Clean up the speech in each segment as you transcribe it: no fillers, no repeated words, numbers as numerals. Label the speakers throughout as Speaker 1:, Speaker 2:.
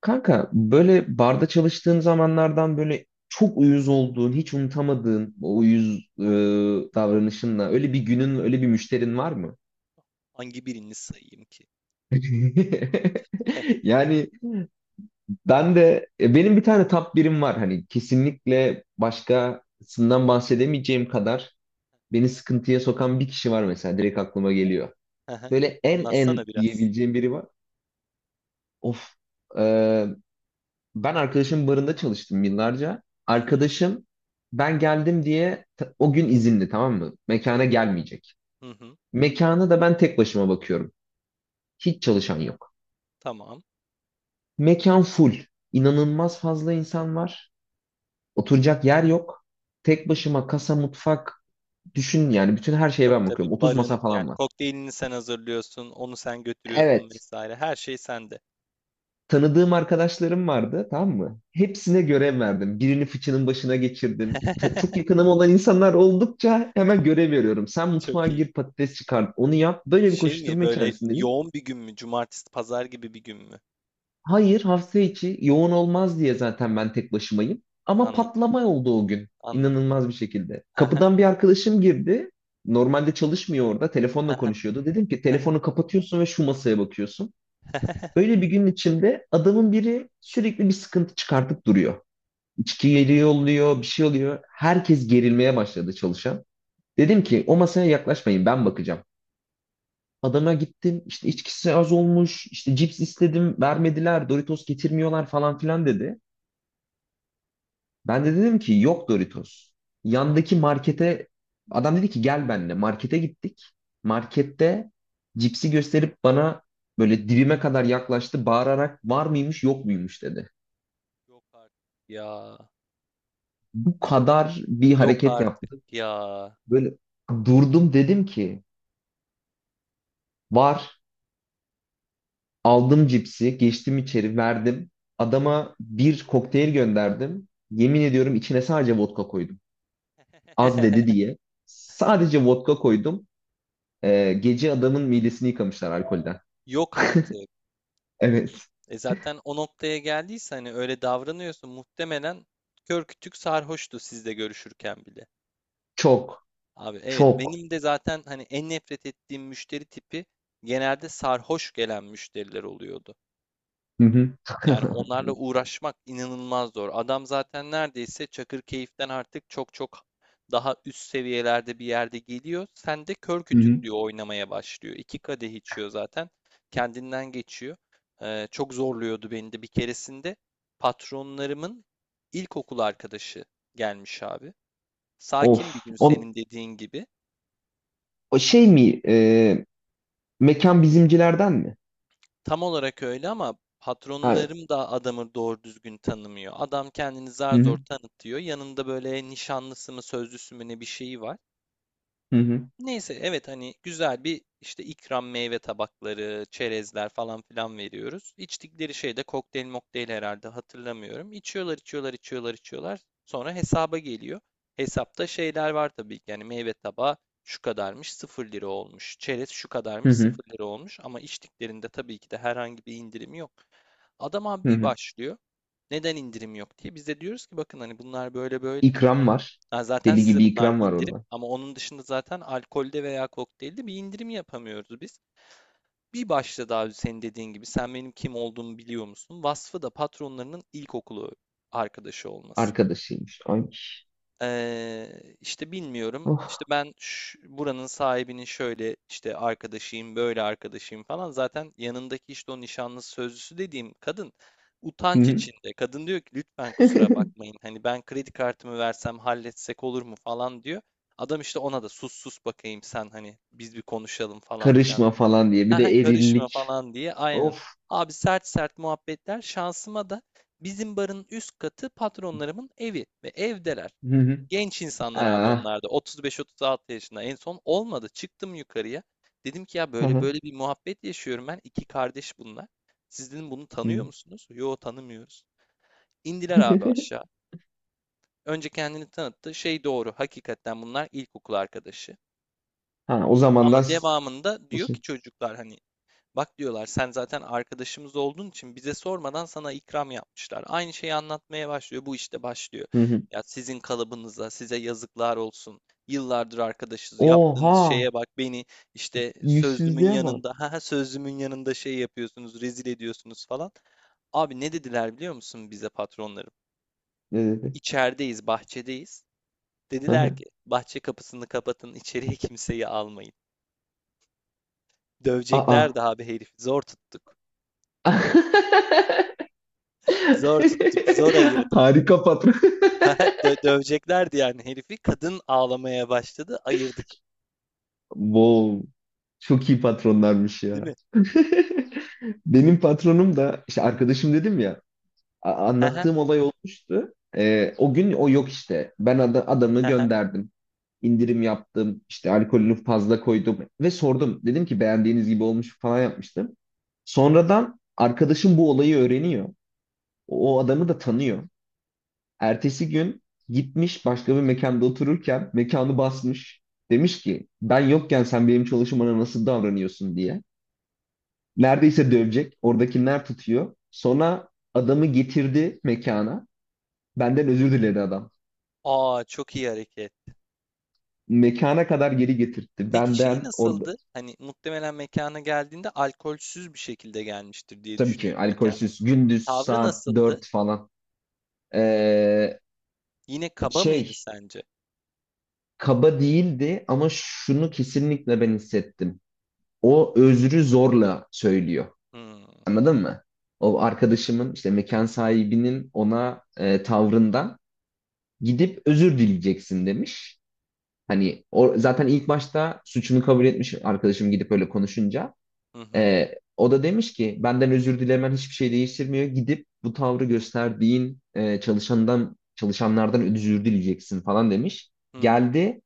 Speaker 1: Kanka böyle barda çalıştığın zamanlardan böyle çok uyuz olduğun, hiç unutamadığın o uyuz davranışınla öyle bir günün, öyle bir müşterin var mı?
Speaker 2: Hangi birini sayayım ki?
Speaker 1: Yani ben de benim bir tane top birim var, hani kesinlikle başkasından bahsedemeyeceğim kadar beni sıkıntıya sokan bir kişi var, mesela direkt aklıma geliyor.
Speaker 2: Hı hı.
Speaker 1: Böyle en
Speaker 2: Anlatsana
Speaker 1: en
Speaker 2: biraz.
Speaker 1: diyebileceğim biri var. Of. e, Ben arkadaşımın barında çalıştım yıllarca.
Speaker 2: Hı hı,
Speaker 1: Arkadaşım ben geldim diye o gün izinli, tamam mı?
Speaker 2: hı
Speaker 1: Mekana
Speaker 2: hı,
Speaker 1: gelmeyecek.
Speaker 2: hı hı.
Speaker 1: Mekana da ben tek başıma bakıyorum. Hiç çalışan yok.
Speaker 2: Tamam.
Speaker 1: Mekan full. İnanılmaz fazla insan var. Oturacak yer yok. Tek başıma kasa, mutfak, düşün yani bütün her şeye
Speaker 2: Tabii
Speaker 1: ben
Speaker 2: tabii.
Speaker 1: bakıyorum. 30
Speaker 2: Barın
Speaker 1: masa falan
Speaker 2: yani
Speaker 1: var.
Speaker 2: kokteylini sen hazırlıyorsun, onu sen götürüyorsun
Speaker 1: Evet.
Speaker 2: vesaire. Her şey sende.
Speaker 1: Tanıdığım arkadaşlarım vardı, tamam mı? Hepsine görev verdim. Birini fıçının başına geçirdim. Çok yakınım olan insanlar oldukça hemen görev veriyorum. Sen
Speaker 2: Çok
Speaker 1: mutfağa
Speaker 2: iyi.
Speaker 1: gir, patates çıkar, onu yap. Böyle bir
Speaker 2: Şey mi
Speaker 1: koşturma
Speaker 2: böyle
Speaker 1: içerisindeyim.
Speaker 2: yoğun bir gün mü? Cumartesi, pazar gibi bir gün mü?
Speaker 1: Hayır, hafta içi yoğun olmaz diye zaten ben tek başımayım. Ama
Speaker 2: Anladım.
Speaker 1: patlama oldu o gün.
Speaker 2: Anladım.
Speaker 1: İnanılmaz bir şekilde.
Speaker 2: Hı hı,
Speaker 1: Kapıdan bir arkadaşım girdi. Normalde çalışmıyor orada.
Speaker 2: hı
Speaker 1: Telefonla
Speaker 2: hı,
Speaker 1: konuşuyordu. Dedim ki
Speaker 2: hı hı.
Speaker 1: telefonu kapatıyorsun ve şu masaya bakıyorsun. Böyle bir gün içinde adamın biri sürekli bir sıkıntı çıkartıp duruyor. İçki geliyor oluyor, bir şey oluyor. Herkes gerilmeye başladı, çalışan. Dedim ki o masaya yaklaşmayın, ben bakacağım. Adama gittim, işte içkisi az olmuş, işte cips istedim vermediler, Doritos getirmiyorlar falan filan dedi. Ben de dedim ki yok Doritos. Yandaki markete adam dedi ki gel benimle, markete gittik. Markette cipsi gösterip bana böyle dibime kadar yaklaştı, bağırarak var mıymış yok muymuş dedi.
Speaker 2: Yok artık. Ya.
Speaker 1: Bu kadar bir
Speaker 2: Yok
Speaker 1: hareket
Speaker 2: artık
Speaker 1: yaptı.
Speaker 2: ya.
Speaker 1: Böyle durdum, dedim ki var. Aldım cipsi, geçtim içeri, verdim. Adama bir kokteyl gönderdim. Yemin ediyorum içine sadece vodka koydum. Az dedi diye. Sadece vodka koydum. Gece adamın midesini yıkamışlar alkolden.
Speaker 2: Yok artık.
Speaker 1: Evet.
Speaker 2: E zaten o noktaya geldiyse hani öyle davranıyorsun muhtemelen kör kütük sarhoştu sizle görüşürken bile.
Speaker 1: Çok.
Speaker 2: Abi evet
Speaker 1: Çok.
Speaker 2: benim de zaten hani en nefret ettiğim müşteri tipi genelde sarhoş gelen müşteriler oluyordu.
Speaker 1: Hı hı.
Speaker 2: Yani onlarla uğraşmak inanılmaz zor. Adam zaten neredeyse Çakırkeyif'ten artık çok çok daha üst seviyelerde bir yerde geliyor. Sen de kör
Speaker 1: Hı hı.
Speaker 2: kütüklüğü oynamaya başlıyor. İki kadeh içiyor zaten. Kendinden geçiyor. Çok zorluyordu beni de. Bir keresinde patronlarımın ilkokul arkadaşı gelmiş abi. Sakin bir
Speaker 1: Of.
Speaker 2: gün
Speaker 1: O,
Speaker 2: senin dediğin gibi.
Speaker 1: o şey mi? Mekan bizimcilerden mi?
Speaker 2: Tam olarak öyle ama
Speaker 1: Evet.
Speaker 2: patronlarım da adamı doğru düzgün tanımıyor. Adam kendini
Speaker 1: Hı
Speaker 2: zar zor
Speaker 1: hı.
Speaker 2: tanıtıyor. Yanında böyle nişanlısı mı sözlüsü mü ne bir şeyi var.
Speaker 1: Hı hı.
Speaker 2: Neyse evet hani güzel bir işte ikram meyve tabakları, çerezler falan filan veriyoruz. İçtikleri şey de kokteyl mokteyl herhalde hatırlamıyorum. İçiyorlar içiyorlar içiyorlar içiyorlar. Sonra hesaba geliyor. Hesapta şeyler var tabii ki yani meyve tabağı şu kadarmış sıfır lira olmuş. Çerez şu
Speaker 1: Hı
Speaker 2: kadarmış
Speaker 1: hı.
Speaker 2: sıfır lira olmuş. Ama içtiklerinde tabii ki de herhangi bir indirim yok. Adam abi
Speaker 1: Hı
Speaker 2: bir
Speaker 1: hı.
Speaker 2: başlıyor. Neden indirim yok diye. Biz de diyoruz ki bakın hani bunlar böyle böyle.
Speaker 1: İkram var.
Speaker 2: Ha, zaten
Speaker 1: Deli
Speaker 2: size
Speaker 1: gibi
Speaker 2: bunlar
Speaker 1: ikram var
Speaker 2: indirim
Speaker 1: orada.
Speaker 2: ama onun dışında zaten alkolde veya kokteylde bir indirim yapamıyoruz biz. Bir başta daha senin dediğin gibi sen benim kim olduğumu biliyor musun? Vasfı da patronlarının ilkokulu arkadaşı olması.
Speaker 1: Arkadaşıymış. Ay.
Speaker 2: İşte bilmiyorum.
Speaker 1: Of.
Speaker 2: İşte buranın sahibinin şöyle işte arkadaşıyım, böyle arkadaşıyım falan. Zaten yanındaki işte o nişanlısı sözlüsü dediğim kadın
Speaker 1: Hı
Speaker 2: utanç
Speaker 1: hı.
Speaker 2: içinde. Kadın diyor ki lütfen kusura bakmayın. Hani ben kredi kartımı versem halletsek olur mu falan diyor. Adam işte ona da sus sus bakayım sen hani biz bir konuşalım falan filan
Speaker 1: Karışma
Speaker 2: diye böyle.
Speaker 1: falan diye. Bir
Speaker 2: Ha ha,
Speaker 1: de
Speaker 2: karışma
Speaker 1: erillik.
Speaker 2: falan diye aynen.
Speaker 1: Of.
Speaker 2: Abi sert sert muhabbetler şansıma da bizim barın üst katı patronlarımın evi ve evdeler.
Speaker 1: Hı hı.
Speaker 2: Genç insanlar abi
Speaker 1: Aa.
Speaker 2: onlar da 35-36 yaşında en son olmadı. Çıktım yukarıya. Dedim ki ya
Speaker 1: Hı
Speaker 2: böyle
Speaker 1: hı.
Speaker 2: böyle bir muhabbet yaşıyorum ben. İki kardeş bunlar. Siz dedim bunu tanıyor
Speaker 1: Hı.
Speaker 2: musunuz? Yo tanımıyoruz. İndiler abi aşağı. Önce kendini tanıttı. Şey doğru hakikaten bunlar ilkokul arkadaşı.
Speaker 1: Ha, o zaman
Speaker 2: Ama
Speaker 1: da
Speaker 2: devamında diyor ki
Speaker 1: şey-
Speaker 2: çocuklar hani bak diyorlar sen zaten arkadaşımız olduğun için bize sormadan sana ikram yapmışlar. Aynı şeyi anlatmaya başlıyor. Bu işte başlıyor.
Speaker 1: Hı hı.
Speaker 2: Ya sizin kalıbınıza, size yazıklar olsun. Yıllardır arkadaşız. Yaptığınız
Speaker 1: Oha.
Speaker 2: şeye bak beni işte sözlümün
Speaker 1: Yüzsüzlüğe bak.
Speaker 2: yanında, ha sözlümün yanında şey yapıyorsunuz, rezil ediyorsunuz falan. Abi ne dediler biliyor musun bize patronlarım?
Speaker 1: Ne dedi?
Speaker 2: İçerideyiz, bahçedeyiz.
Speaker 1: Hı
Speaker 2: Dediler
Speaker 1: hı.
Speaker 2: ki bahçe kapısını kapatın, içeriye kimseyi almayın. Dövecekler
Speaker 1: Aa.
Speaker 2: de abi herifi. Zor tuttuk. Zor tuttuk. Zor ayırdık.
Speaker 1: Harika patron.
Speaker 2: Ha, döveceklerdi yani herifi. Kadın ağlamaya başladı. Ayırdık.
Speaker 1: Wow. Çok iyi patronlarmış
Speaker 2: Değil
Speaker 1: ya.
Speaker 2: mi?
Speaker 1: Benim patronum da, işte arkadaşım dedim ya, anlattığım olay olmuştu. O gün o yok işte. Ben adamı gönderdim. İndirim yaptım. İşte alkolünü fazla koydum ve sordum. Dedim ki beğendiğiniz gibi olmuş falan yapmıştım. Sonradan arkadaşım bu olayı öğreniyor. O adamı da tanıyor. Ertesi gün gitmiş, başka bir mekanda otururken mekanı basmış. Demiş ki ben yokken sen benim çalışmana nasıl davranıyorsun diye. Neredeyse dövecek. Oradakiler tutuyor. Sonra adamı getirdi mekana. Benden özür diledi adam.
Speaker 2: Aa, çok iyi hareket.
Speaker 1: Mekana kadar geri getirtti.
Speaker 2: Peki şey
Speaker 1: Benden or...
Speaker 2: nasıldı? Hani muhtemelen mekana geldiğinde alkolsüz bir şekilde gelmiştir diye
Speaker 1: Tabii ki
Speaker 2: düşünüyorum mekana.
Speaker 1: alkolsüz. Gündüz
Speaker 2: Tavrı
Speaker 1: saat
Speaker 2: nasıldı?
Speaker 1: 4 falan. Ee,
Speaker 2: Yine kaba mıydı
Speaker 1: şey
Speaker 2: sence?
Speaker 1: Kaba değildi ama şunu kesinlikle ben hissettim. O özrü zorla söylüyor.
Speaker 2: Hmm.
Speaker 1: Anladın mı? O arkadaşımın, işte mekan sahibinin ona tavrından gidip özür dileyeceksin demiş. Hani o zaten ilk başta suçunu kabul etmiş, arkadaşım gidip öyle konuşunca.
Speaker 2: Hı hı.
Speaker 1: O da demiş ki benden özür dilemen hiçbir şey değiştirmiyor. Gidip bu tavrı gösterdiğin çalışanlardan özür dileyeceksin falan demiş.
Speaker 2: Hı hı.
Speaker 1: Geldi,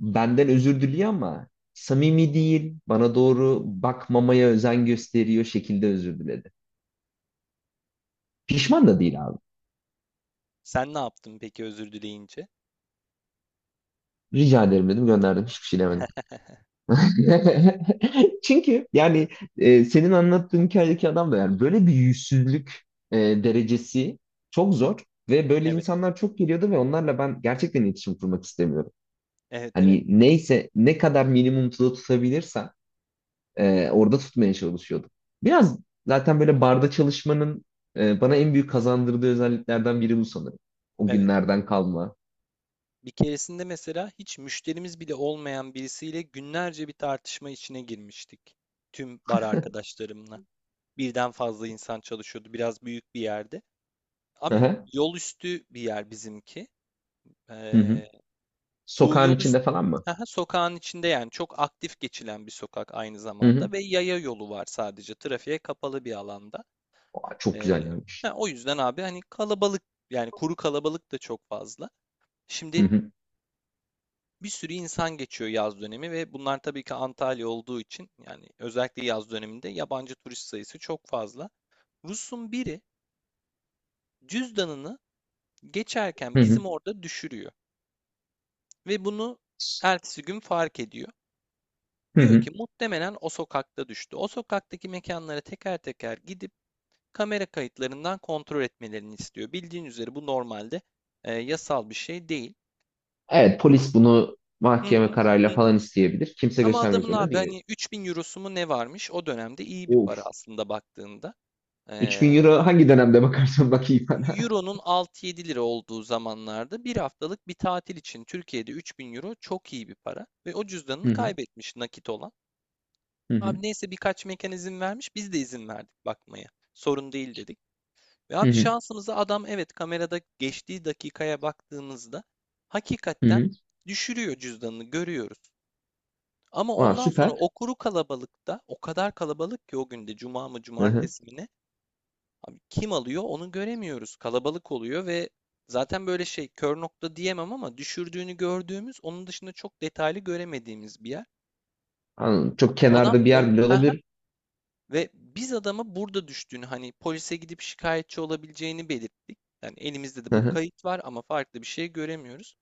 Speaker 1: benden özür diliyor ama samimi değil. Bana doğru bakmamaya özen gösteriyor şekilde özür diledi. Pişman da değil abi.
Speaker 2: Sen ne yaptın peki özür dileyince?
Speaker 1: Rica ederim dedim, gönderdim, hiçbir şey demedim. Çünkü yani senin anlattığın hikayedeki adam da, yani böyle bir yüzsüzlük derecesi çok zor, ve böyle
Speaker 2: Evet.
Speaker 1: insanlar çok geliyordu ve onlarla ben gerçekten iletişim kurmak istemiyorum.
Speaker 2: Evet evet.
Speaker 1: Hani neyse, ne kadar minimumda tutabilirsem orada tutmaya çalışıyordum. Biraz zaten böyle barda çalışmanın bana en büyük kazandırdığı özelliklerden biri bu sanırım. O
Speaker 2: Evet.
Speaker 1: günlerden kalma.
Speaker 2: Bir keresinde mesela hiç müşterimiz bile olmayan birisiyle günlerce bir tartışma içine girmiştik. Tüm bar arkadaşlarımla. Birden fazla insan çalışıyordu. Biraz büyük bir yerde.
Speaker 1: Hı
Speaker 2: Abi
Speaker 1: hı.
Speaker 2: yol üstü bir yer bizimki.
Speaker 1: Hı hı.
Speaker 2: Ee, Bu
Speaker 1: Sokağın
Speaker 2: yol
Speaker 1: içinde
Speaker 2: üstü,
Speaker 1: falan mı?
Speaker 2: aha, sokağın içinde yani çok aktif geçilen bir sokak aynı
Speaker 1: Hı hı.
Speaker 2: zamanda ve yaya yolu var sadece trafiğe kapalı bir alanda.
Speaker 1: Aa, çok
Speaker 2: Ee,
Speaker 1: güzel yani.
Speaker 2: ha, o yüzden abi hani kalabalık yani kuru kalabalık da çok fazla.
Speaker 1: Hı
Speaker 2: Şimdi
Speaker 1: hı.
Speaker 2: bir sürü insan geçiyor yaz dönemi ve bunlar tabii ki Antalya olduğu için yani özellikle yaz döneminde yabancı turist sayısı çok fazla. Rus'un biri cüzdanını
Speaker 1: Hı
Speaker 2: geçerken
Speaker 1: hı.
Speaker 2: bizim orada düşürüyor ve bunu ertesi gün fark ediyor.
Speaker 1: Hı
Speaker 2: Diyor
Speaker 1: hı.
Speaker 2: ki muhtemelen o sokakta düştü. O sokaktaki mekanlara teker teker gidip kamera kayıtlarından kontrol etmelerini istiyor. Bildiğin üzere bu normalde yasal bir şey değil.
Speaker 1: Evet, polis bunu
Speaker 2: Hı hı.
Speaker 1: mahkeme
Speaker 2: Hı
Speaker 1: kararıyla
Speaker 2: hı.
Speaker 1: falan isteyebilir. Kimse
Speaker 2: Ama
Speaker 1: göstermek
Speaker 2: adamın
Speaker 1: zorunda
Speaker 2: abi
Speaker 1: değil.
Speaker 2: hani 3000 eurosu mu ne varmış? O dönemde iyi bir para
Speaker 1: Of.
Speaker 2: aslında baktığında. Ee,
Speaker 1: 3000 euro hangi dönemde bakarsan bakayım bana.
Speaker 2: Euro'nun 6-7 lira olduğu zamanlarda bir haftalık bir tatil için Türkiye'de 3000 euro çok iyi bir para. Ve o cüzdanını
Speaker 1: Hı hı.
Speaker 2: kaybetmiş nakit olan.
Speaker 1: Hı hı.
Speaker 2: Abi neyse birkaç mekan izin vermiş biz de izin verdik bakmaya. Sorun değil dedik. Ve
Speaker 1: Hı
Speaker 2: abi
Speaker 1: hı.
Speaker 2: şansımıza adam evet kamerada geçtiği dakikaya baktığımızda
Speaker 1: Hı
Speaker 2: hakikaten
Speaker 1: hı.
Speaker 2: düşürüyor cüzdanını görüyoruz. Ama
Speaker 1: Aa,
Speaker 2: ondan sonra o
Speaker 1: süper.
Speaker 2: kuru kalabalıkta o kadar kalabalık ki o günde cuma mı
Speaker 1: Hı hı.
Speaker 2: cumartesi mi ne? Abi kim alıyor onu göremiyoruz. Kalabalık oluyor ve zaten böyle şey kör nokta diyemem ama düşürdüğünü gördüğümüz onun dışında çok detaylı göremediğimiz bir yer.
Speaker 1: Anladım. Çok
Speaker 2: Adam
Speaker 1: kenarda bir
Speaker 2: o.
Speaker 1: yer bile
Speaker 2: Hı hı.
Speaker 1: olabilir.
Speaker 2: Ve biz adama burada düştüğünü hani polise gidip şikayetçi olabileceğini belirttik. Yani elimizde de
Speaker 1: Hı
Speaker 2: bu
Speaker 1: hı.
Speaker 2: kayıt var ama farklı bir şey göremiyoruz.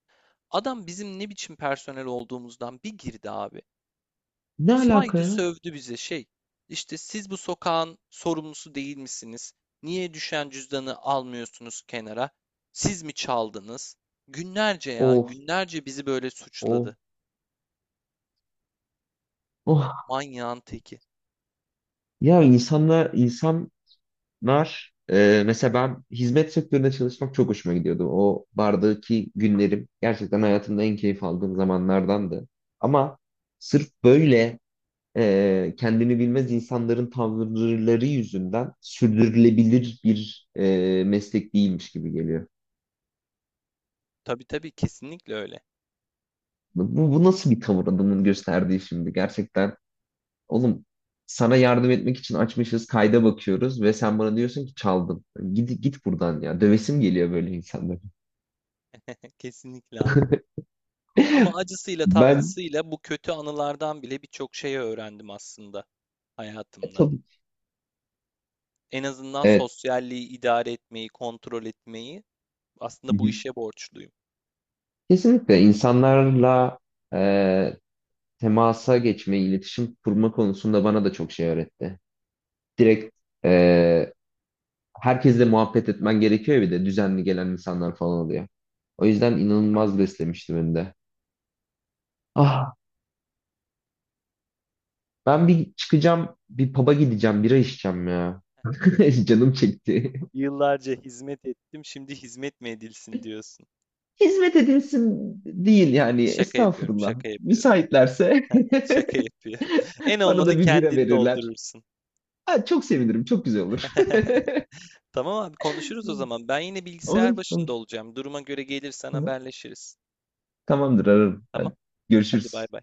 Speaker 2: Adam bizim ne biçim personel olduğumuzdan bir girdi abi.
Speaker 1: Ne alaka
Speaker 2: Saydı
Speaker 1: ya?
Speaker 2: sövdü bize şey. İşte siz bu sokağın sorumlusu değil misiniz? Niye düşen cüzdanı almıyorsunuz kenara? Siz mi çaldınız? Günlerce ya,
Speaker 1: Of.
Speaker 2: günlerce bizi böyle
Speaker 1: Of.
Speaker 2: suçladı.
Speaker 1: Oh.
Speaker 2: Manyağın teki.
Speaker 1: Ya, insanlar mesela ben hizmet sektöründe çalışmak çok hoşuma gidiyordu. O bardaki günlerim gerçekten hayatımda en keyif aldığım zamanlardandı. Ama sırf böyle kendini bilmez insanların tavırları yüzünden sürdürülebilir bir meslek değilmiş gibi geliyor.
Speaker 2: Tabii tabii kesinlikle öyle.
Speaker 1: Bu nasıl bir tavır adamın gösterdiği şimdi? Gerçekten oğlum, sana yardım etmek için açmışız, kayda bakıyoruz ve sen bana diyorsun ki çaldım. Git buradan ya. Dövesim geliyor böyle insanlara.
Speaker 2: Kesinlikle abi. Ama acısıyla
Speaker 1: Ben
Speaker 2: tatlısıyla bu kötü anılardan bile birçok şey öğrendim aslında hayatımda.
Speaker 1: tabii
Speaker 2: En azından
Speaker 1: evet.
Speaker 2: sosyalliği idare etmeyi, kontrol etmeyi
Speaker 1: Hı
Speaker 2: aslında bu
Speaker 1: hı.
Speaker 2: işe borçluyum.
Speaker 1: Kesinlikle insanlarla e, temasa geçme, iletişim kurma konusunda bana da çok şey öğretti. Direkt e, herkesle muhabbet etmen gerekiyor ya, bir de düzenli gelen insanlar falan oluyor. O yüzden inanılmaz beslemişti beni de. Ah, ben bir çıkacağım, bir pub'a gideceğim, bira içeceğim ya. Canım çekti.
Speaker 2: Yıllarca hizmet ettim, şimdi hizmet mi edilsin diyorsun.
Speaker 1: Hizmet edilsin değil yani,
Speaker 2: Şaka yapıyorum,
Speaker 1: estağfurullah.
Speaker 2: şaka yapıyorum,
Speaker 1: Müsaitlerse
Speaker 2: şaka yapıyorum. En
Speaker 1: bana
Speaker 2: olmadı
Speaker 1: da bir bira
Speaker 2: kendini
Speaker 1: verirler.
Speaker 2: doldurursun.
Speaker 1: Ha, çok sevinirim, çok güzel olur.
Speaker 2: Tamam abi konuşuruz o zaman. Ben yine
Speaker 1: Olur,
Speaker 2: bilgisayar başında
Speaker 1: olur.
Speaker 2: olacağım. Duruma göre gelirsen
Speaker 1: Hı hı.
Speaker 2: haberleşiriz.
Speaker 1: Tamamdır, ararım.
Speaker 2: Tamam,
Speaker 1: Hadi,
Speaker 2: hadi bay
Speaker 1: görüşürüz.
Speaker 2: bay.